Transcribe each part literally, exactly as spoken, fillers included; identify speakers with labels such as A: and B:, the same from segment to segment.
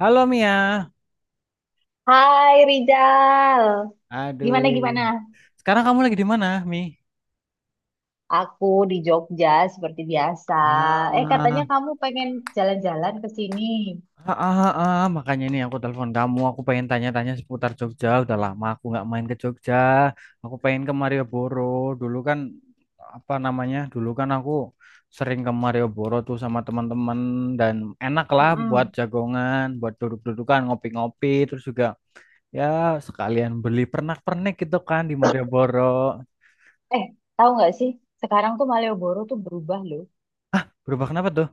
A: Halo Mia.
B: Hai Rizal,
A: Aduh.
B: gimana gimana?
A: Sekarang kamu lagi di mana, Mi?
B: Aku di Jogja seperti biasa. Eh, katanya
A: Ah,
B: kamu pengen jalan-jalan ke sini.
A: ah, ah, ah, Makanya nih aku telepon kamu. Aku pengen tanya-tanya seputar Jogja. Udah lama aku nggak main ke Jogja. Aku pengen ke Malioboro. Dulu kan apa namanya? Dulu kan aku sering ke Malioboro tuh sama teman-teman dan enak lah buat
B: Mm-mm.
A: jagongan, buat duduk-dudukan, ngopi-ngopi, terus juga ya sekalian beli pernak-pernik gitu kan di Malioboro.
B: Eh, tahu nggak sih? Sekarang tuh Malioboro tuh berubah loh.
A: Berubah kenapa tuh?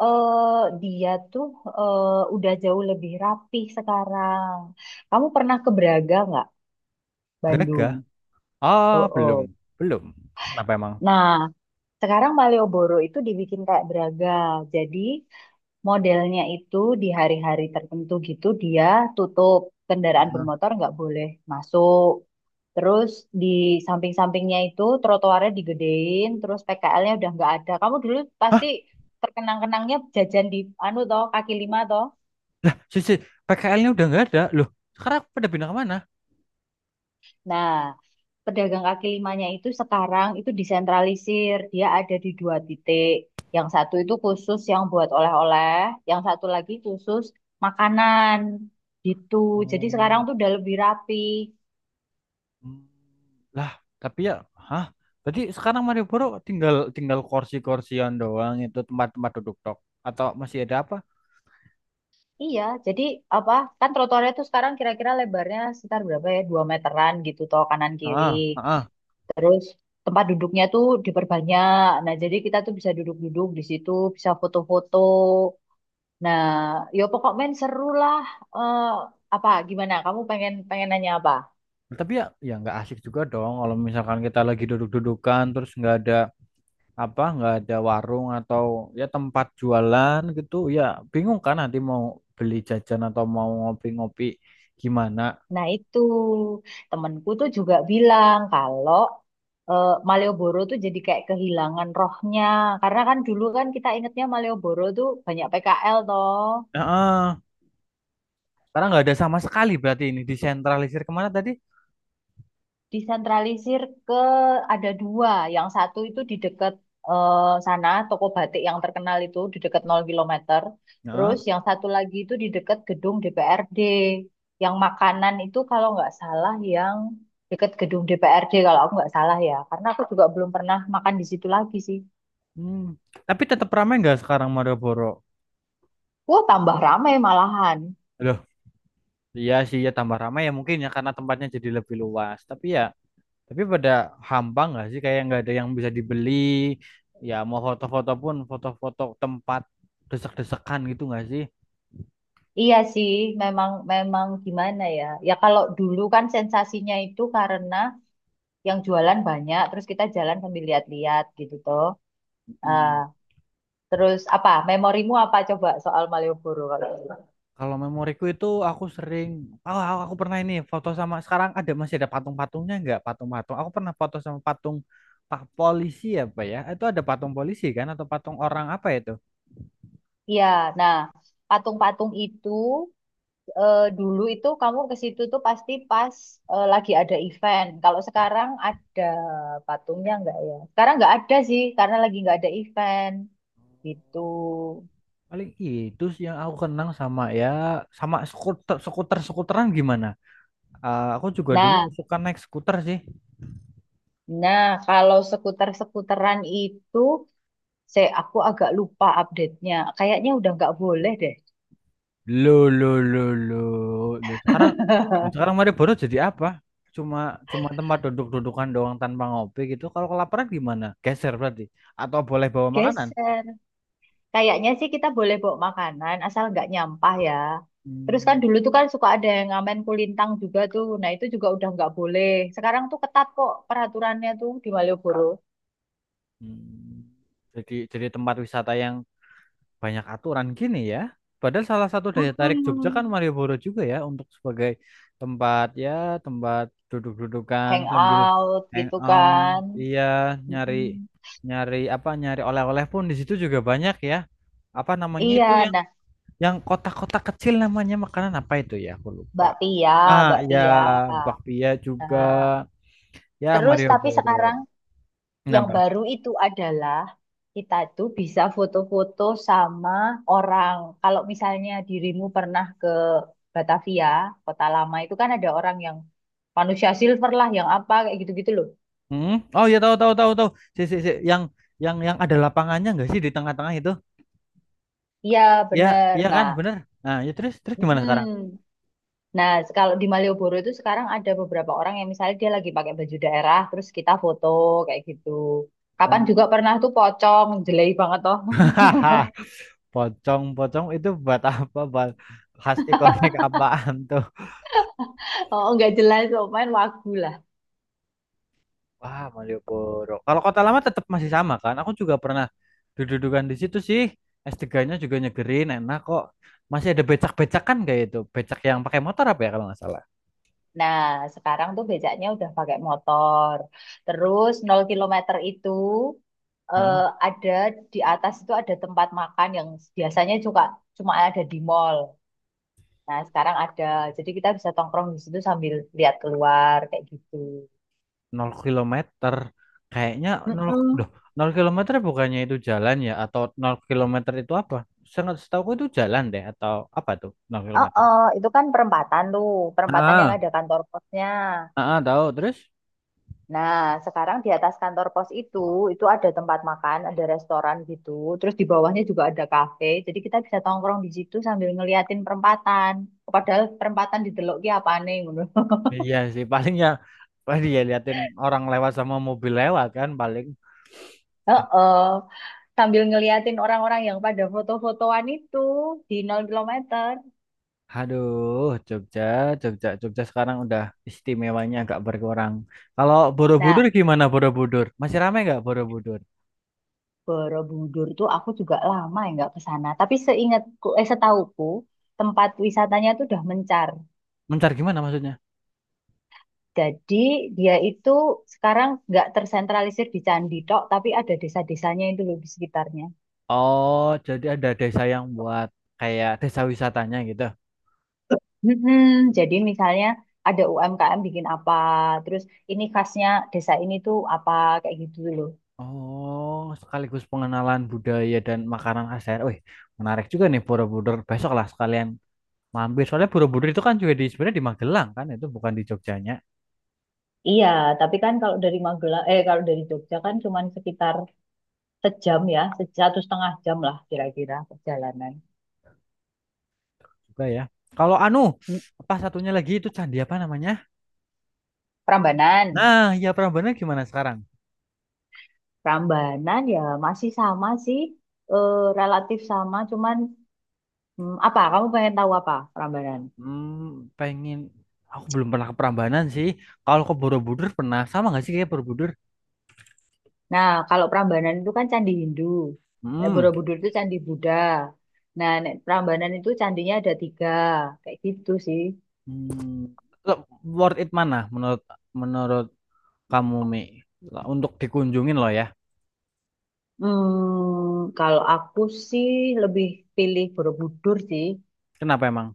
B: Eh, dia tuh eh, udah jauh lebih rapih sekarang. Kamu pernah ke Braga nggak?
A: Braga?
B: Bandung. Oh,
A: Ah, belum.
B: oh.
A: Belum. Kenapa emang?
B: Nah, sekarang Malioboro itu dibikin kayak Braga. Jadi, modelnya itu di hari-hari tertentu gitu dia tutup, kendaraan
A: Heeh.
B: bermotor nggak boleh masuk. Terus di samping-sampingnya itu trotoarnya digedein, terus P K L-nya udah nggak ada. Kamu dulu
A: Hah?
B: pasti terkenang-kenangnya jajan di anu toh, kaki lima toh.
A: Si, si P K L-nya udah nggak ada. Loh, sekarang pada pindah kemana?
B: Nah, pedagang kaki limanya itu sekarang itu disentralisir. Dia ada di dua titik. Yang satu itu khusus yang buat oleh-oleh, yang satu lagi khusus makanan gitu. Jadi sekarang
A: Oh.
B: tuh udah lebih rapi.
A: Hmm. Lah, tapi ya, hah? Berarti sekarang Malioboro tinggal tinggal kursi-kursian doang itu tempat-tempat duduk tok atau masih ada apa?
B: Iya, jadi apa? Kan trotoarnya tuh sekarang kira-kira lebarnya sekitar berapa ya? Dua meteran gitu toh kanan kiri.
A: Ah, ah, ah.
B: Terus tempat duduknya tuh diperbanyak. Nah, jadi kita tuh bisa duduk-duduk di situ, bisa foto-foto. Nah, yo pokoknya seru lah. Eh, apa gimana? Kamu pengen pengen nanya apa?
A: Tapi ya, ya nggak asik juga dong kalau misalkan kita lagi duduk-dudukan terus nggak ada apa nggak ada warung atau ya tempat jualan gitu ya bingung kan nanti mau beli jajan atau mau ngopi-ngopi gimana.
B: Nah, itu temenku tuh juga bilang kalau eh, Malioboro tuh jadi kayak kehilangan rohnya. Karena kan dulu kan kita ingetnya Malioboro tuh banyak P K L toh.
A: Heeh, karena nggak ada sama sekali berarti ini disentralisir kemana tadi.
B: Disentralisir ke ada dua. Yang satu itu di dekat eh, sana, toko batik yang terkenal itu di dekat nol kilometer.
A: Heeh.
B: Terus yang satu lagi itu di dekat gedung D P R D. Yang makanan itu kalau nggak salah yang dekat gedung D P R D kalau aku nggak salah ya. Karena aku juga belum pernah makan di situ lagi sih.
A: Hmm, tapi tetap ramai nggak sekarang Malioboro?
B: Wah, tambah ramai malahan.
A: Loh, iya sih ya tambah ramai ya mungkin ya karena tempatnya jadi lebih luas tapi ya tapi pada hampa nggak sih kayak nggak ada yang bisa dibeli, ya mau foto-foto pun foto-foto tempat desek-desekan gitu nggak sih?
B: Iya sih, memang memang gimana ya? Ya kalau dulu kan sensasinya itu karena yang jualan banyak terus kita jalan sambil lihat-lihat gitu toh. Ah,
A: Mm.
B: terus apa memorimu apa coba soal Malioboro kalau gitu?
A: Kalau memoriku itu aku sering, oh, aku aku pernah ini foto sama sekarang ada masih ada patung-patungnya nggak patung-patung? Aku pernah foto sama patung pak polisi apa ya? Itu ada patung polisi kan atau patung orang apa itu?
B: Iya, nah, patung-patung itu eh, dulu itu kamu ke situ tuh pasti pas eh, lagi ada event. Kalau sekarang ada patungnya nggak ya, sekarang nggak ada sih karena lagi nggak ada event gitu.
A: Paling itu sih yang aku kenang sama ya sama skuter skuter skuteran gimana? Eh, aku juga dulu
B: Nah,
A: suka naik skuter sih.
B: nah, kalau skuter-skuteran itu saya aku agak lupa update-nya, kayaknya udah nggak boleh deh.
A: Lo lo lo lo. Lo sekarang lo sekarang Malioboro jadi apa? Cuma cuma tempat duduk-dudukan doang tanpa ngopi gitu. Kalau kelaparan gimana? Geser berarti. Atau boleh bawa makanan?
B: Geser. Kayaknya sih kita boleh bawa makanan asal nggak nyampah ya. Terus kan
A: Hmm.
B: dulu tuh kan suka ada yang ngamen kulintang juga tuh. Nah, itu juga udah nggak boleh. Sekarang tuh ketat kok peraturannya tuh di Malioboro.
A: Hmm. Jadi jadi tempat wisata yang banyak aturan gini ya. Padahal salah satu daya tarik Jogja kan
B: Mm-mm.
A: Malioboro juga ya untuk sebagai tempat ya tempat duduk-dudukan sambil
B: Hangout gitu kan.
A: hangout, iya, nyari
B: Mm-mm.
A: nyari apa nyari oleh-oleh pun di situ juga banyak ya. Apa namanya
B: Iya,
A: itu yang
B: nah,
A: yang kotak-kotak kecil namanya makanan apa itu ya aku lupa.
B: Mbak Pia,
A: Ah
B: Mbak
A: ya,
B: Pia.
A: bakpia juga
B: Nah,
A: ya
B: terus tapi sekarang
A: Malioboro.
B: yang
A: Kenapa?
B: baru itu adalah kita tuh bisa foto-foto sama orang. Kalau misalnya dirimu pernah ke Batavia, kota lama itu kan ada orang yang manusia silver lah, yang apa kayak gitu-gitu loh.
A: Hmm? Oh ya, tahu tahu tahu tahu. Si, si, si. Yang yang yang ada lapangannya nggak sih di tengah-tengah itu?
B: Iya,
A: Iya,
B: bener.
A: iya kan,
B: Nah,
A: bener. Nah, ya terus terus gimana sekarang?
B: mm nah, kalau di Malioboro itu sekarang ada beberapa orang yang misalnya dia lagi pakai baju daerah, terus kita foto kayak gitu. Kapan juga pernah tuh pocong, jelek banget toh.
A: Hmm. Pocong, pocong itu buat apa? Buat khas ikonik apaan tuh?
B: Oh, nggak jelas, oh, main wagu lah.
A: Wah, Malioboro. Kalau Kota Lama tetap masih sama kan? Aku juga pernah dudukan di situ sih. S tiga-nya juga nyegerin, enak kok. Masih ada becak-becak kan kayak itu. Becak yang pakai motor apa ya kalau nggak salah?
B: Nah, sekarang tuh becaknya udah pakai motor. Terus nol kilometer itu eh, ada, di atas itu ada tempat makan yang biasanya juga cuma ada di mall. Nah, sekarang ada. Jadi kita bisa tongkrong di situ sambil lihat keluar kayak gitu.
A: Nol kilometer. Kayaknya nol,
B: Mm-mm.
A: duh, nol kilometer bukannya itu jalan ya atau nol kilometer itu apa? Sangat setahu itu jalan deh atau apa tuh nol
B: Oh,
A: kilometer?
B: oh, itu kan perempatan tuh, perempatan yang
A: Ah,
B: ada kantor posnya.
A: ah, ah, tahu terus?
B: Nah, sekarang di atas kantor pos itu, itu ada tempat makan, ada restoran gitu. Terus di bawahnya juga ada kafe. Jadi kita bisa tongkrong di situ sambil ngeliatin perempatan. Padahal perempatan di Delok ki apa nih? Ngono.
A: Iya sih paling ya paling ya liatin orang lewat sama mobil lewat kan paling.
B: Heeh. Sambil ngeliatin orang-orang yang pada foto-fotoan itu di nol kilometer.
A: Aduh, Jogja, Jogja, Jogja sekarang udah istimewanya agak berkurang. Kalau
B: Nah,
A: Borobudur gimana Borobudur? Masih ramai nggak Borobudur?
B: Borobudur tuh aku juga lama ya nggak ke sana. Tapi seingatku, eh setauku, tempat wisatanya tuh udah mencar.
A: Mencar gimana maksudnya?
B: Jadi dia itu sekarang nggak tersentralisir di candi tok, tapi ada desa-desanya itu loh di sekitarnya.
A: Oh, jadi ada desa yang buat kayak desa wisatanya gitu.
B: Mm-mm. Jadi misalnya ada U M K M bikin apa, terus ini khasnya desa ini tuh apa kayak gitu loh.
A: Oh, sekaligus pengenalan budaya dan makanan khas daerah. Wih, menarik juga nih Borobudur. Besok lah sekalian mampir. Soalnya Borobudur itu kan juga di sebenarnya di Magelang kan, itu bukan di Jogjanya
B: Iya, tapi kan kalau dari Magelang, eh kalau dari Jogja kan cuma sekitar sejam ya, se- satu setengah jam lah kira-kira perjalanan.
A: juga ya. Kalau anu,
B: Hmm,
A: apa satunya lagi itu candi apa namanya?
B: Prambanan,
A: Nah, ya Prambanan gimana sekarang?
B: Prambanan ya masih sama sih, eh, relatif sama, cuman hmm, apa? Kamu pengen tahu apa Prambanan?
A: Hmm, pengen, aku belum pernah ke Prambanan sih. Kalau ke Borobudur pernah sama nggak sih kayak Borobudur?
B: Nah, kalau Prambanan itu kan candi Hindu. Nek
A: Hmm.
B: Borobudur itu candi Buddha. Nah, nek Prambanan itu candinya ada tiga, kayak gitu sih.
A: Hmm, lo- worth it mana menurut menurut kamu Mi? Lo- untuk dikunjungin loh ya.
B: Hmm, kalau aku sih lebih pilih Borobudur sih.
A: Kenapa emang?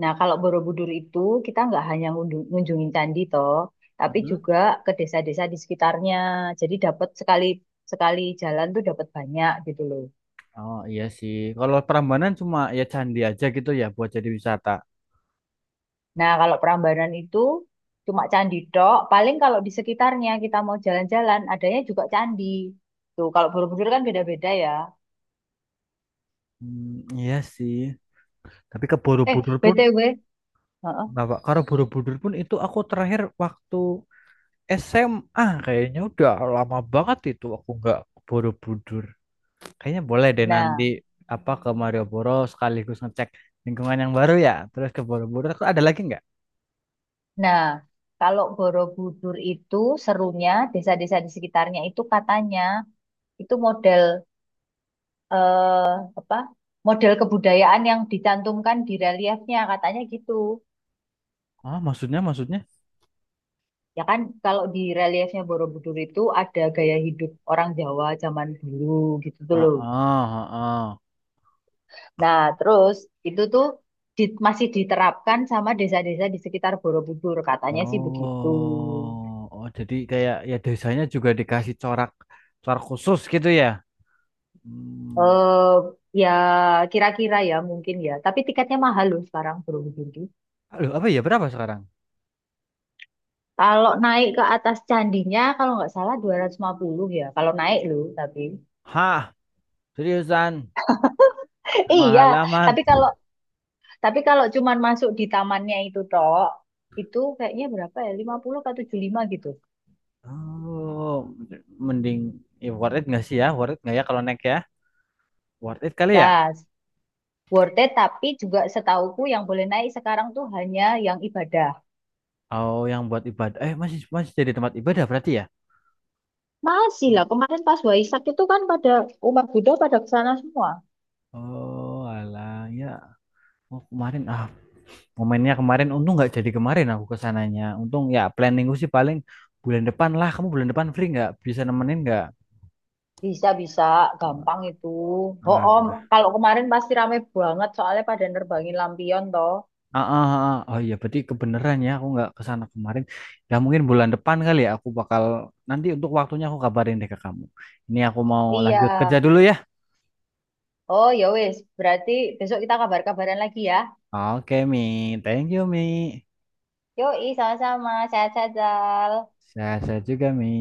B: Nah, kalau Borobudur itu kita nggak hanya ngundu- ngunjungin candi toh, tapi
A: Mhm.
B: juga ke desa-desa di sekitarnya. Jadi dapat sekali sekali jalan tuh dapat banyak gitu loh.
A: Oh iya sih. Kalau Prambanan cuma ya candi aja gitu ya buat jadi wisata.
B: Nah, kalau Prambanan itu cuma candi tok. Paling kalau di sekitarnya kita mau jalan-jalan, adanya juga candi. Tuh, kalau Borobudur kan beda-beda ya.
A: Hmm, iya sih. Tapi ke
B: Eh,
A: Borobudur pun
B: B T W. Heeh.
A: kenapa? Karena Borobudur pun itu aku terakhir waktu S M A kayaknya udah lama banget itu aku nggak ke Borobudur. Kayaknya boleh deh nanti
B: Nah,
A: apa ke Malioboro sekaligus ngecek lingkungan yang baru ya. Terus ke Borobudur. Terus ada lagi nggak?
B: nah, kalau Borobudur itu serunya desa-desa di sekitarnya itu katanya itu model apa? Model kebudayaan yang dicantumkan di reliefnya katanya gitu.
A: Ah, maksudnya, maksudnya?
B: Ya kan kalau di reliefnya Borobudur itu ada gaya hidup orang Jawa zaman dulu gitu tuh
A: Ah,
B: loh.
A: ah, ah, ah.
B: Nah, terus itu tuh di- masih diterapkan sama desa-desa di sekitar Borobudur, katanya sih begitu.
A: Oh, oh, jadi kayak ya desanya juga dikasih corak, corak khusus gitu ya? Hmm.
B: Eh, ya kira-kira ya mungkin ya. Tapi tiketnya mahal loh sekarang Borobudur tuh.
A: Aduh, apa ya? Berapa sekarang?
B: Kalau naik ke atas candinya, kalau nggak salah dua ratus lima puluh ya. Kalau naik loh, tapi
A: Hah, seriusan?
B: iya.
A: Mahal amat.
B: Tapi kalau tapi kalau cuman masuk di tamannya itu toh, itu kayaknya berapa ya? lima puluh ke tujuh puluh lima gitu.
A: Oh, mending ya worth it nggak sih ya? Worth it nggak ya kalau naik ya? Worth it kali ya?
B: Tas. Worth it, tapi juga setauku yang boleh naik sekarang tuh hanya yang ibadah.
A: Oh, yang buat ibadah. Eh, masih masih jadi tempat ibadah berarti ya?
B: Masih lah, kemarin pas Waisak itu kan pada umat Buddha pada ke sana semua.
A: Oh, alah ya. Oh, kemarin ah momennya kemarin untung nggak jadi, kemarin aku kesananya untung ya, planning gue sih paling bulan depan lah, kamu bulan depan free nggak, bisa nemenin nggak?
B: Bisa-bisa, gampang itu. Oh,
A: ah,
B: om, kalau kemarin pasti rame banget soalnya pada nerbangin lampion toh.
A: ah, ah, ah. Oh iya berarti kebeneran ya aku nggak kesana kemarin, ya mungkin bulan depan kali ya aku bakal, nanti untuk waktunya aku kabarin deh ke kamu. Ini aku mau
B: Iya.
A: lanjut kerja dulu ya.
B: Oh, ya wis, berarti besok kita kabar-kabaran lagi ya.
A: Oke Mi, thank you Mi.
B: Yoi, sama-sama. Sehat-sehat, Zal.
A: Sehat-sehat juga Mi.